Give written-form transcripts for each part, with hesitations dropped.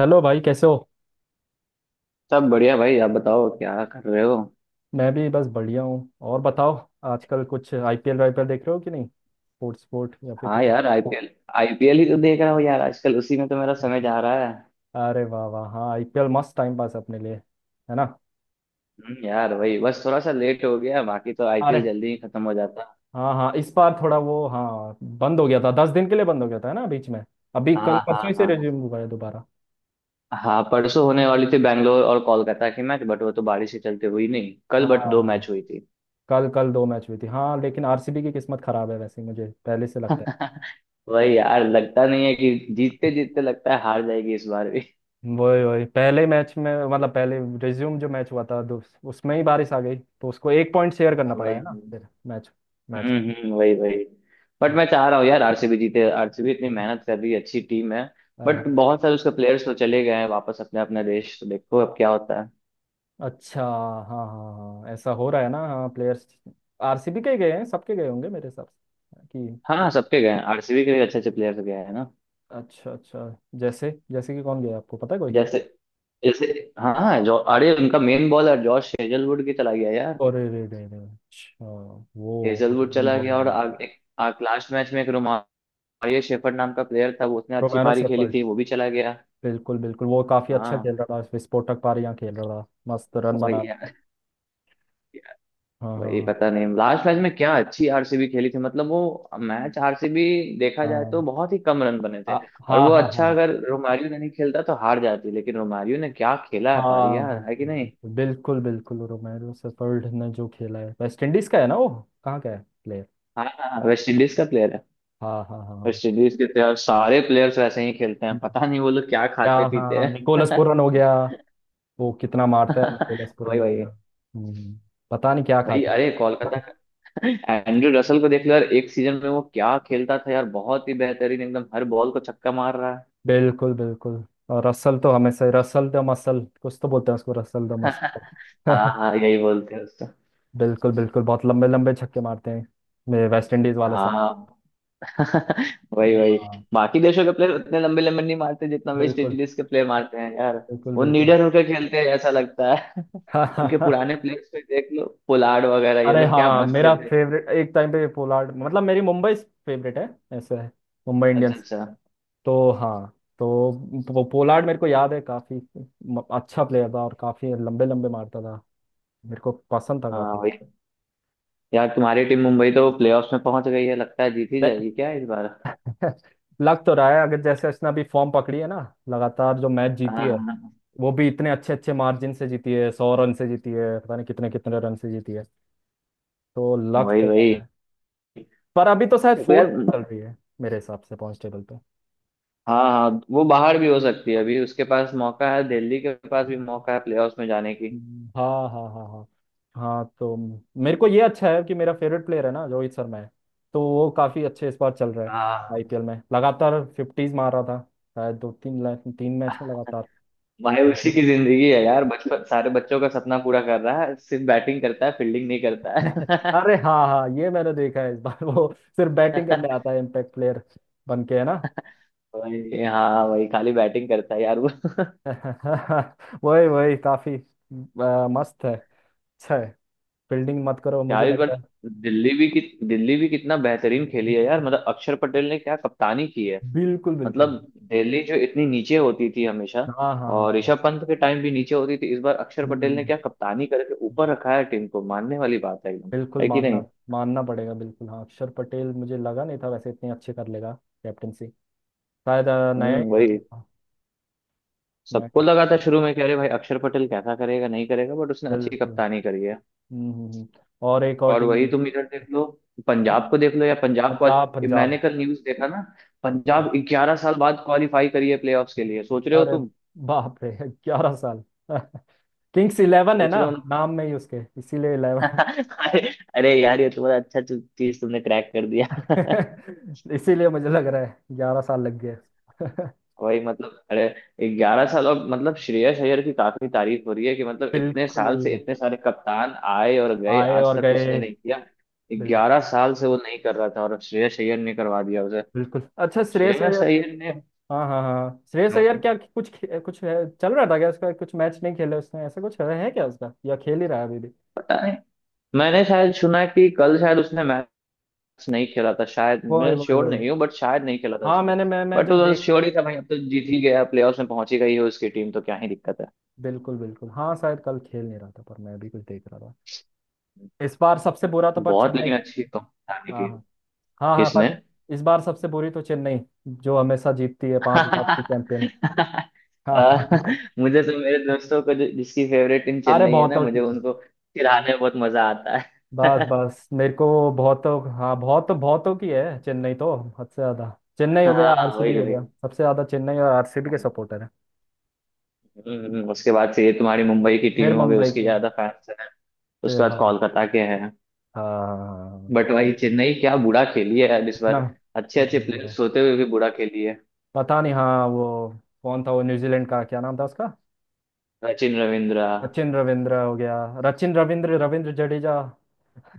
Hello भाई, कैसे हो? सब बढ़िया भाई। आप बताओ क्या कर रहे हो? मैं भी बस बढ़िया हूँ। और बताओ, आजकल कुछ आईपीएल वाईपीएल देख रहे हो कि नहीं? स्पोर्ट्स स्पोर्ट या फिर हाँ कुछ? यार, आईपीएल आईपीएल ही तो देख रहा हूँ यार, आजकल उसी में तो मेरा समय जा रहा है। अरे वाह वाह, हाँ आईपीएल मस्त टाइम पास अपने लिए है ना। यार भाई, बस थोड़ा सा लेट हो गया, बाकी तो आईपीएल अरे जल्दी ही खत्म हो जाता। हाँ हाँ, इस बार थोड़ा वो, हाँ बंद हो गया था, दस दिन के लिए बंद हो गया था है ना बीच में। अभी कल हाँ हाँ परसों ही से हाँ। रिज्यूम हुआ है दोबारा। हाँ, परसों होने वाली थी बैंगलोर और कोलकाता की मैच, बट वो तो बारिश के चलते हुई नहीं कल, बट दो हाँ। मैच हुई थी। कल कल दो मैच हुई थी, हाँ। लेकिन आरसीबी की किस्मत खराब है, वैसे ही मुझे पहले से लगता है। वही यार, लगता नहीं है कि जीतते जीतते लगता है हार जाएगी इस बार भी। वही वही, पहले मैच में, मतलब पहले रिज्यूम जो मैच हुआ था, उसमें ही बारिश आ गई, तो उसको एक पॉइंट शेयर करना पड़ा वही। है ना फिर। Match match. हम्म हम्म, वही वही। बट मैं चाह रहा हूँ यार, आरसीबी जीते, आरसीबी इतनी मेहनत कर रही है, अच्छी टीम है। हाँ बट हाँ। बहुत सारे उसके प्लेयर्स तो चले गए हैं वापस अपने अपने देश, तो देखो अब क्या होता है। अच्छा हाँ हाँ। हाँ ऐसा हो रहा है ना। हाँ, प्लेयर्स आरसीबी के ही गए हैं, सबके गए होंगे मेरे हिसाब से कि। हाँ सबके गए हैं, आरसीबी के भी अच्छे अच्छे प्लेयर्स गए हैं ना। अच्छा अच्छा। जैसे जैसे कि कौन गया, आपको पता है कोई? जैसे जैसे हाँ हाँ, जो अरे उनका मेन बॉलर जॉश हेजलवुड की चला गया यार। और रे रे रे रे। अच्छा, वो तो हेजलवुड मेन चला गया बॉलर और है। लास्ट मैच में एक रोमारियो शेफर्ड नाम का प्लेयर था, वो उसने अच्छी रोमेरो पारी खेली सेफर्ड थी, वो भी चला गया। बिल्कुल बिल्कुल, वो काफी अच्छा खेल हाँ रहा था, विस्फोटक पारी यहाँ खेल रहा था। मस्त रन बना वही रहा था। यार। हाँ हाँ वही हाँ पता नहीं लास्ट मैच में क्या अच्छी आरसीबी खेली थी, मतलब वो मैच आरसीबी देखा जाए तो हाँ। बहुत ही कम रन बने आ, थे। और हाँ वो हाँ अच्छा, हाँ अगर रोमारियो ने नहीं खेलता तो हार जाती, लेकिन रोमारियो ने क्या खेला है पारी हाँ। यार, है कि बिल्कुल नहीं। बिल्कुल बिल्कुल बिल्कुल, रोमेरो सेफर्ड ने जो खेला है, वेस्ट इंडीज का है ना वो? कहाँ का है प्लेयर? हाँ हाँ हाँ, वेस्ट इंडीज का प्लेयर है। हाँ हाँ हाँ हाँ। वेस्ट इंडीज के तो यार सारे प्लेयर्स वैसे ही खेलते हैं, पता नहीं वो लोग क्या क्या, खाते पीते हाँ हैं। निकोलस पूरन हो गया, वो कितना मारता है। निकोलस वही पूरन हो वही गया। हम्म, पता नहीं क्या वही खाते हैं। अरे, कोलकाता का एंड्रू रसल को देख लो यार, एक सीजन में वो क्या खेलता था यार, बहुत ही बेहतरीन, एकदम हर बॉल को छक्का मार रहा है। बिल्कुल बिल्कुल। और रसल तो हमेशा, रसल द मसल कुछ तो बोलते हैं उसको, रसल द हाँ मसल। हाँ यही बोलते हैं उसको। बिल्कुल बिल्कुल, बहुत लंबे लंबे छक्के मारते हैं मेरे वेस्ट इंडीज वाले साहब। हाँ। वही वही। हाँ बाकी देशों के प्लेयर उतने लंबे लंबे नहीं मारते जितना वेस्ट बिल्कुल इंडीज के प्लेयर मारते हैं यार। बिल्कुल वो बिल्कुल। निडर होकर खेलते हैं ऐसा लगता है। उनके पुराने प्लेयर्स पे देख लो, पोलार्ड वगैरह, ये अरे लोग क्या हाँ, मस्त मेरा खेलते थे। फेवरेट एक टाइम पे पोलार्ड, मतलब मेरी मुंबई फेवरेट है, ऐसा है, मुंबई अच्छा इंडियंस, अच्छा। तो हाँ। तो पोलार्ड मेरे को याद है काफी। अच्छा प्लेयर था और काफी लंबे लंबे मारता था, मेरे को पसंद था हाँ काफी। वही यार, तुम्हारी टीम मुंबई तो प्लेऑफ्स में पहुंच गई है, लगता है जीत ही जाएगी क्या इस बार। दे- लग तो रहा है, अगर जैसे उसने अभी फॉर्म पकड़ी है ना, लगातार जो मैच हाँ जीती है, हाँ, वो भी इतने अच्छे अच्छे मार्जिन से जीती है, सौ रन से जीती है, पता नहीं कितने कितने रन से जीती है, तो लग वही तो वही रहा है। पर अभी तो शायद देखो यार। फोर्थ चल रही है मेरे हिसाब से पॉइंट टेबल। हाँ हाँ, वो बाहर भी हो सकती है, अभी उसके पास मौका है, दिल्ली के पास भी मौका है प्लेऑफ्स में जाने की। हाँ हाँ हाँ हाँ। हाँ तो मेरे को ये अच्छा है कि मेरा फेवरेट प्लेयर है ना, रोहित शर्मा है, तो वो काफी अच्छे इस बार चल रहा है। हाँ, आईपीएल में लगातार फिफ्टीज मार रहा था, शायद दो तीन तीन मैच में लगातार भाई उसी century। की जिंदगी है यार, बचपन सारे बच्चों का सपना पूरा कर रहा है, सिर्फ बैटिंग करता है, फील्डिंग नहीं करता है। अरे हाँ हाँ, ये मैंने देखा है इस बार। वो सिर्फ बैटिंग करने आता है, इम्पैक्ट प्लेयर बन के है ना। भाई हाँ भाई, खाली बैटिंग करता है यार वो। वही वही, काफी मस्त है, अच्छा है, फील्डिंग मत करो, मुझे यार इस लगता बार है। दिल्ली भी कि, दिल्ली भी कितना बेहतरीन खेली है यार, मतलब अक्षर पटेल ने क्या कप्तानी की है। बिल्कुल बिल्कुल। मतलब दिल्ली जो इतनी नीचे होती थी हमेशा, हाँ हाँ हाँ और हाँ। ऋषभ पंत के टाइम भी नीचे होती थी, इस बार अक्षर पटेल ने हम्म, क्या कप्तानी करके ऊपर रखा है टीम को, मानने वाली बात है एकदम, बिल्कुल है कि मानना, नहीं। मानना पड़ेगा बिल्कुल। हाँ, अक्षर पटेल मुझे लगा नहीं था वैसे इतने अच्छे कर लेगा कैप्टनसी, शायद नया ही वही। हाँ, नया सबको captain, लगा था शुरू में कि अरे भाई अक्षर पटेल कैसा करेगा नहीं करेगा, बट उसने अच्छी बिल्कुल। कप्तानी करी है। हम्म हम्म, हम्म। और एक और और टीम वही तुम इधर देख लो, है, पंजाब को देख लो, या पंजाब मैंने पंजाब। कल न्यूज देखा ना, अच्छा, पंजाब 11 साल बाद क्वालिफाई करी है प्लेऑफ्स के लिए, सोच रहे हो अरे तुम। बाप रे, ग्यारह साल। किंग्स इलेवन है सोच ना, रहे हो ना। नाम में ही उसके, इसीलिए इलेवन। अरे, अरे यार ये तो बड़ा अच्छा चीज तुमने क्रैक कर दिया। इसीलिए मुझे लग रहा है ग्यारह साल लग गए। वही मतलब, अरे 11 साल, और मतलब श्रेयस अय्यर की काफी तारीफ हो रही है कि मतलब इतने साल से बिल्कुल, इतने सारे कप्तान आए और गए, आए आज और तक उसने गए, नहीं किया। बिल- 11 साल से वो नहीं कर रहा था और श्रेयस अय्यर ने करवा दिया उसे। बिल्कुल। अच्छा श्रेयस श्रेयस अय्यर। अय्यर ने हाँ हाँ हाँ, श्रेयस अय्यर क्या, कुछ कुछ है, चल रहा था क्या उसका? कुछ मैच नहीं खेले उसने, ऐसा कुछ है क्या उसका, या खेल ही रहा है अभी भी? पता नहीं। मैंने शायद सुना है कि कल शायद उसने मैच नहीं खेला था शायद, वही मैं वही श्योर वही। नहीं हूँ, बट शायद नहीं खेला था हाँ उसने। मैंने मैं बट जब वो देख। श्योर ही था भाई, अब तो जीत ही गया, प्लेऑफ्स में पहुंची गई है उसकी टीम, तो क्या ही दिक्कत है। बिल्कुल बिल्कुल, हाँ शायद कल खेल नहीं रहा था, पर मैं भी कुछ देख रहा था। इस बार सबसे बुरा तो पर बहुत लेकिन चेन्नई। अच्छी तो हाँ की। हाँ हाँ हाँ, किसने? पर इस बार सबसे बुरी तो चेन्नई, जो हमेशा जीतती है, पांच बार की चैंपियन। हाँ अ, हाँ हाँ। मुझे तो मेरे दोस्तों को जिसकी फेवरेट टीम अरे चेन्नई है ना, बहुतों मुझे की, उनको चिढ़ाने में बहुत मजा आता बस है। बस मेरे को, बहुत, हाँ बहुत, बहुतों की है चेन्नई तो, हद से ज्यादा। चेन्नई हो गया, हाँ वही आरसीबी हो वही गया, सबसे ज्यादा चेन्नई और आरसीबी के सपोर्टर है। उसके बाद से ये तुम्हारी मुंबई की फिर टीम ठीक हो गई, मुंबई उसकी के हैं, ज्यादा फैंस है। फिर उसके बाद हाँ कोलकाता के हैं। हाँ बट वही चेन्नई क्या बुरा खेली है यार इस ना। बार। अच्छे अच्छे बहुत बुरा, प्लेयर्स होते हुए भी बुरा खेली है। पता नहीं। हाँ वो कौन था वो न्यूजीलैंड का, क्या नाम था उसका? सचिन रविंद्रा। सचिन रविंद्र हो गया, रचिन रविंद्र, रविंद्र जडेजा।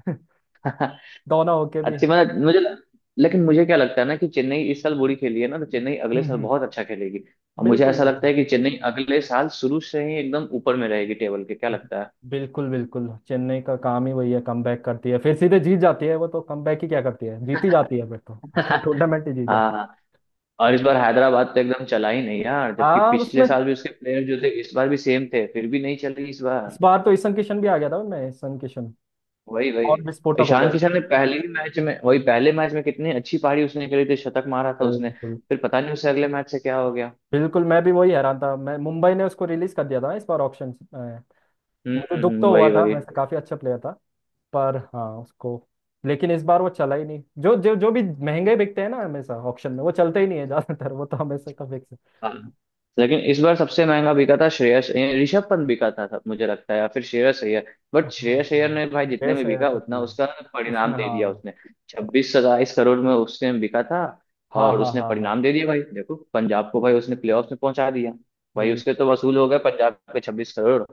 दोनों होके भी। अच्छी मतलब मुझे, लेकिन मुझे क्या लगता है ना कि चेन्नई इस साल बुरी खेली है ना, तो चेन्नई अगले हम्म साल हम्म। बहुत अच्छा खेलेगी। और मुझे बिल्कुल ऐसा बिल्कुल लगता है कि चेन्नई अगले साल शुरू से ही एकदम ऊपर में रहेगी टेबल के, क्या लगता है? बिल्कुल बिल्कुल, चेन्नई का काम ही वही है, कमबैक करती है, फिर सीधे जीत जाती है। वो तो कमबैक ही क्या करती है, जीती जाती है फिर तो। टूर्नामेंट ही जीत जाती हाँ हाँ। है। और इस बार हैदराबाद तो एकदम चला ही नहीं यार, जबकि हाँ पिछले उसमें, साल भी उसके प्लेयर जो थे इस बार भी सेम थे, फिर भी नहीं चली इस बार। इस बार तो ईशन किशन भी आ गया था। मैं ईशन किशन वही वही। और विस्फोटक हो गया। ईशान किशन ने पहले ही मैच में, वही पहले मैच में कितनी अच्छी पारी उसने खेली थी, शतक मारा था उसने। बिल्कुल फिर पता नहीं उसे अगले मैच से क्या हो गया। बिल्कुल, मैं भी वही हैरान था। मैं मुंबई ने उसको रिलीज कर दिया था इस बार ऑप्शन में, हम्म मुझे हम्म दुख तो हम्म, हुआ वही था वही वैसे, काफी अच्छा प्लेयर था। पर हाँ उसको, लेकिन इस बार वो चला ही नहीं। जो जो जो भी महंगे बिकते हैं ना हमेशा ऑप्शन में, वो चलते ही नहीं है ज्यादातर, वो तो हमेशा का फिक्स। हाँ लेकिन इस बार सबसे महंगा बिका था ऋषभ पंत बिका था सब, मुझे लगता है, या फिर श्रेयस अय्यर। बट हाँ श्रेयस हाँ, अय्यर ने भाई जितने देश में है बिका तो उतना चला है उसका परिणाम उसमें। दे दिया हाँ उसने। छब्बीस सत्ताईस करोड़ में उसने बिका था। हाँ और हाँ उसने हाँ हाँ। परिणाम दे दिया, भाई देखो पंजाब को, भाई उसने प्लेऑफ में पहुंचा दिया, भाई बिल, उसके तो वसूल हो गए पंजाब के 26 करोड़।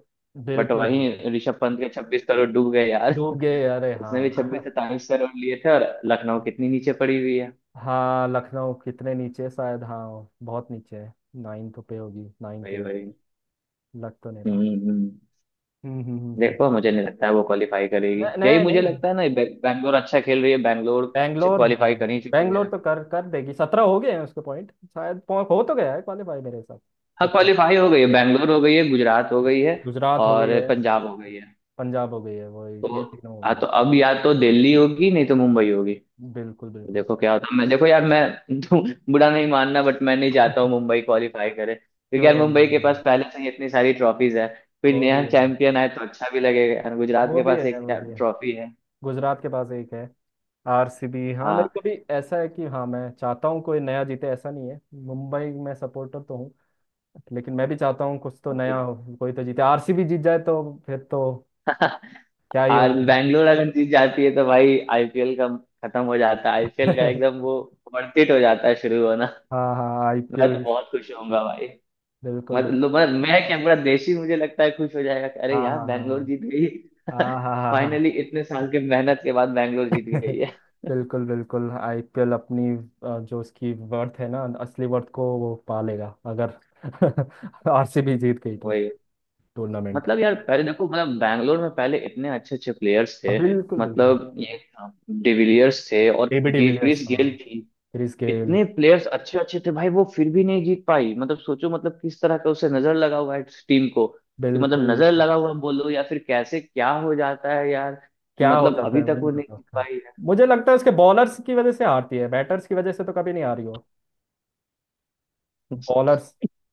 बट बिल्कुल वहीं बिल्कुल। ऋषभ पंत के 26 करोड़ डूब गए यार। डूब गए, अरे उसने भी छब्बीस हाँ। सत्ताईस करोड़ लिए थे, और लखनऊ कितनी नीचे पड़ी हुई है। हाँ लखनऊ कितने नीचे, शायद हाँ बहुत नीचे है, नाइन्थ पे होगी, नाइन्थ भाई एट, भाई। लग तो नहीं रहा। हम्म हम्म। हम्म हम्म हम्म हम्म। देखो, मुझे नहीं लगता है वो क्वालिफाई करेगी, नहीं यही नहीं मुझे नहीं, लगता है ना। बैंगलोर अच्छा खेल रही है, बैंगलोर बैंगलोर हाँ, क्वालिफाई कर ही चुकी बैंगलोर है। तो कर कर देगी, सत्रह हो गए हैं उसके पॉइंट, शायद हो तो गया है क्वालिफाई मेरे हिसाब से हाँ 17। क्वालिफाई हो गई है, बैंगलोर हो गई है, गुजरात हो गई है गुजरात हो गई और है, पंजाब हो गई है। पंजाब हो गई है वो, ये तो तीनों हो हाँ, गई है। तो अब या तो दिल्ली होगी नहीं तो मुंबई होगी। तो बिल्कुल बिल्कुल। देखो क्या होता है, मैं, देखो यार मैं, तो बुरा नहीं मानना बट मैं नहीं चाहता हूँ मुंबई क्वालिफाई करे, क्योंकि यार मुंबई के क्यों? पास पहले से ही इतनी सारी ट्रॉफीज है। कोई वो भी नया है, चैंपियन आए तो अच्छा भी लगेगा यार, गुजरात वो के भी पास है, एक वो भी है, ट्रॉफी है। गुजरात के पास एक है। आरसीबी, हाँ मेरे को भी ऐसा है कि हाँ, मैं चाहता हूँ कोई नया जीते, ऐसा नहीं है, मुंबई में सपोर्टर तो हूँ, लेकिन मैं भी चाहता हूँ कुछ तो हाँ। नया हो। कोई तो जीते, आरसीबी जीत जाए तो फिर तो क्या ही और होगा। बैंगलोर अगर जीत जाती है तो भाई आईपीएल का खत्म हो जाता है, आईपीएल का एकदम वो वर्थ इट हो जाता है शुरू होना। हाँ हाँ, मैं तो आईपीएल बहुत खुश होऊंगा भाई। बिल्कुल बिल्कुल। मतलब मैं क्या, पूरा देश ही मुझे लगता है खुश हो जाएगा कि हाँ अरे यार हाँ बैंगलोर हाँ जीत गई। हाँ हाँ हाँ हाँ हाँ। फाइनली इतने साल के मेहनत के बाद बैंगलोर जीत गई है। बिल्कुल बिल्कुल, आईपीएल अपनी जो उसकी वर्थ है ना, असली वर्थ को वो पा लेगा, अगर आरसीबी जीत गई तो वही, टूर्नामेंट। मतलब यार पहले देखो, मतलब बैंगलोर में पहले इतने अच्छे अच्छे प्लेयर्स हाँ थे, बिल्कुल बिल्कुल। मतलब ये डिविलियर्स थे और एबी डिविलियर्स, क्रिस हाँ गेल थी। Chris Gayle. इतने प्लेयर्स अच्छे अच्छे थे भाई, वो फिर भी नहीं जीत पाई, मतलब सोचो मतलब किस तरह का उसे नजर लगा हुआ है इस टीम को कि, मतलब बिल्कुल, नजर लगा हुआ बोलो या फिर कैसे क्या हो जाता है यार कि, क्या हो मतलब जाता अभी है, तक वही नहीं वो नहीं पता जीत उसका। पाई है। मुझे लगता है उसके बॉलर्स की वजह से हारती है, बैटर्स की वजह से तो कभी नहीं हारी हो। बॉलर्स,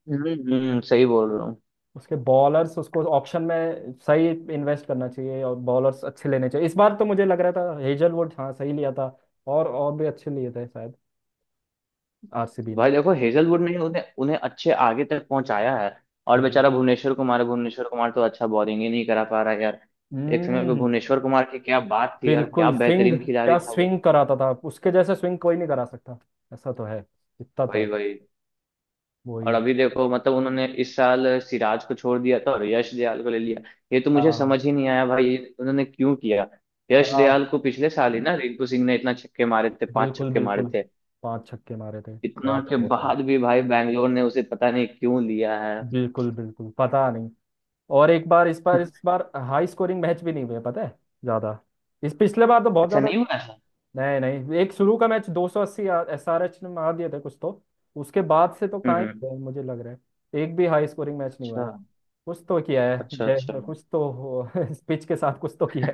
सही बोल रहा हूँ। उसके बॉलर्स, उसको ऑप्शन में सही इन्वेस्ट करना चाहिए और बॉलर्स अच्छे लेने चाहिए। इस बार तो मुझे लग रहा था हेजलवुड हाँ सही लिया था, और भी अच्छे लिए थे शायद आरसीबी ने। भाई देखो हेजलवुड ने उन्हें उन्हें अच्छे आगे तक पहुंचाया है। और बिल्कुल। बेचारा भुवनेश्वर कुमार है, भुवनेश्वर कुमार तो अच्छा बॉलिंग ही नहीं करा पा रहा है यार। एक समय पे हम्म, भुवनेश्वर कुमार की क्या बात थी यार, क्या बिल्कुल स्विंग, बेहतरीन खिलाड़ी क्या था वो। स्विंग कराता था, उसके जैसे स्विंग कोई नहीं करा सकता, ऐसा तो है, इतना तो वही है। वही और वही। अभी देखो मतलब उन्होंने इस साल सिराज को छोड़ दिया था और यश दयाल को ले लिया। ये तो हाँ मुझे हाँ। समझ ही नहीं आया भाई, ये उन्होंने क्यों किया। यश हाँ दयाल को पिछले साल ही ना रिंकू सिंह ने इतना छक्के मारे थे, पांच बिल्कुल छक्के मारे बिल्कुल, थे। पांच छक्के मारे थे इतना याद है के वो तो। बाद भी भाई बैंगलोर ने उसे पता नहीं क्यों लिया है। बिल्कुल बिल्कुल पता नहीं। और एक बार, इस बार हाई स्कोरिंग मैच भी नहीं हुए पता है ज्यादा, इस पिछले बार तो बहुत अच्छा ज्यादा। नहीं हुआ ऐसा। नहीं नहीं, एक शुरू का मैच 280 एसआरएच ने मार दिए थे कुछ तो, उसके बाद से तो हम्म कहाँ ही हम्म। हुआ है, मुझे लग रहा है एक भी हाई स्कोरिंग मैच नहीं हुआ अच्छा है। कुछ तो किया है अच्छा। अच्छा जय, कुछ तो पिच के साथ कुछ तो किया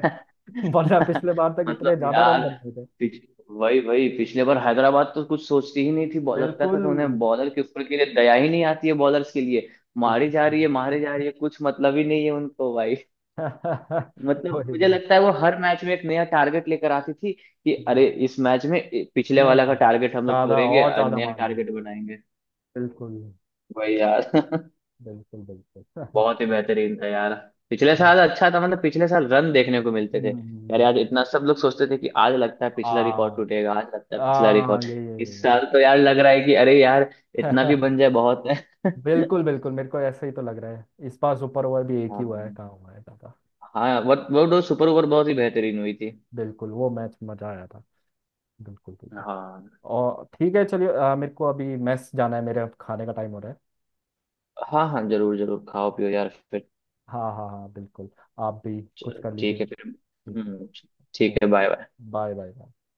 है। वरना पिछले बार तक इतने मतलब ज्यादा यार रन बनाए थे। पिछ, वही वही पिछले बार हैदराबाद तो कुछ सोचती ही नहीं थी, लगता था बिल्कुल तो उन्हें बॉलर के ऊपर के लिए दया ही नहीं आती है बॉलर्स के लिए। मारी जा बिल्कुल। रही है, मारी जा रही है, कुछ मतलब ही नहीं है उनको भाई। मतलब वही मुझे वही, लगता है वो हर मैच में एक नया टारगेट लेकर आती थी कि कितने अरे इस मैच में पिछले वाला का मार्क्स, टारगेट हम लोग ज्यादा तोड़ेंगे और और ज्यादा नया मार्क्स लें, टारगेट बनाएंगे। बिल्कुल वही यार। बिल्कुल बिल्कुल। बहुत ही बेहतरीन था यार। पिछले हाँ साल अच्छा था, मतलब पिछले साल रन देखने को मिलते थे यार हम्म, यार, इतना सब लोग सोचते थे कि आज लगता है आ पिछला रिकॉर्ड टूटेगा, आज लगता है पिछला आ रिकॉर्ड। ये ये इस ये साल तो यार लग रहा है कि अरे यार इतना भी ये। बन जाए बहुत है। बिल्कुल बिल्कुल, मेरे को ऐसे ही तो लग रहा है। इस बार सुपर ओवर भी एक ही हुआ है, हाँ कहाँ हुआ है दादा। हाँ, वो तो सुपर ओवर बहुत ही बेहतरीन हुई थी। बिल्कुल, वो मैच मजा आया था, बिल्कुल बिल्कुल। हाँ और ठीक है चलिए, मेरे को अभी मेस जाना है, मेरे खाने का टाइम हो रहा है। हाँ हाँ, जरूर जरूर खाओ पियो यार फिर। हाँ हाँ हाँ बिल्कुल, आप भी कुछ चलो कर लीजिए। ठीक है फिर। ठीक है। हम्म। ठीक है, okay, bye bye. Bye bye bye.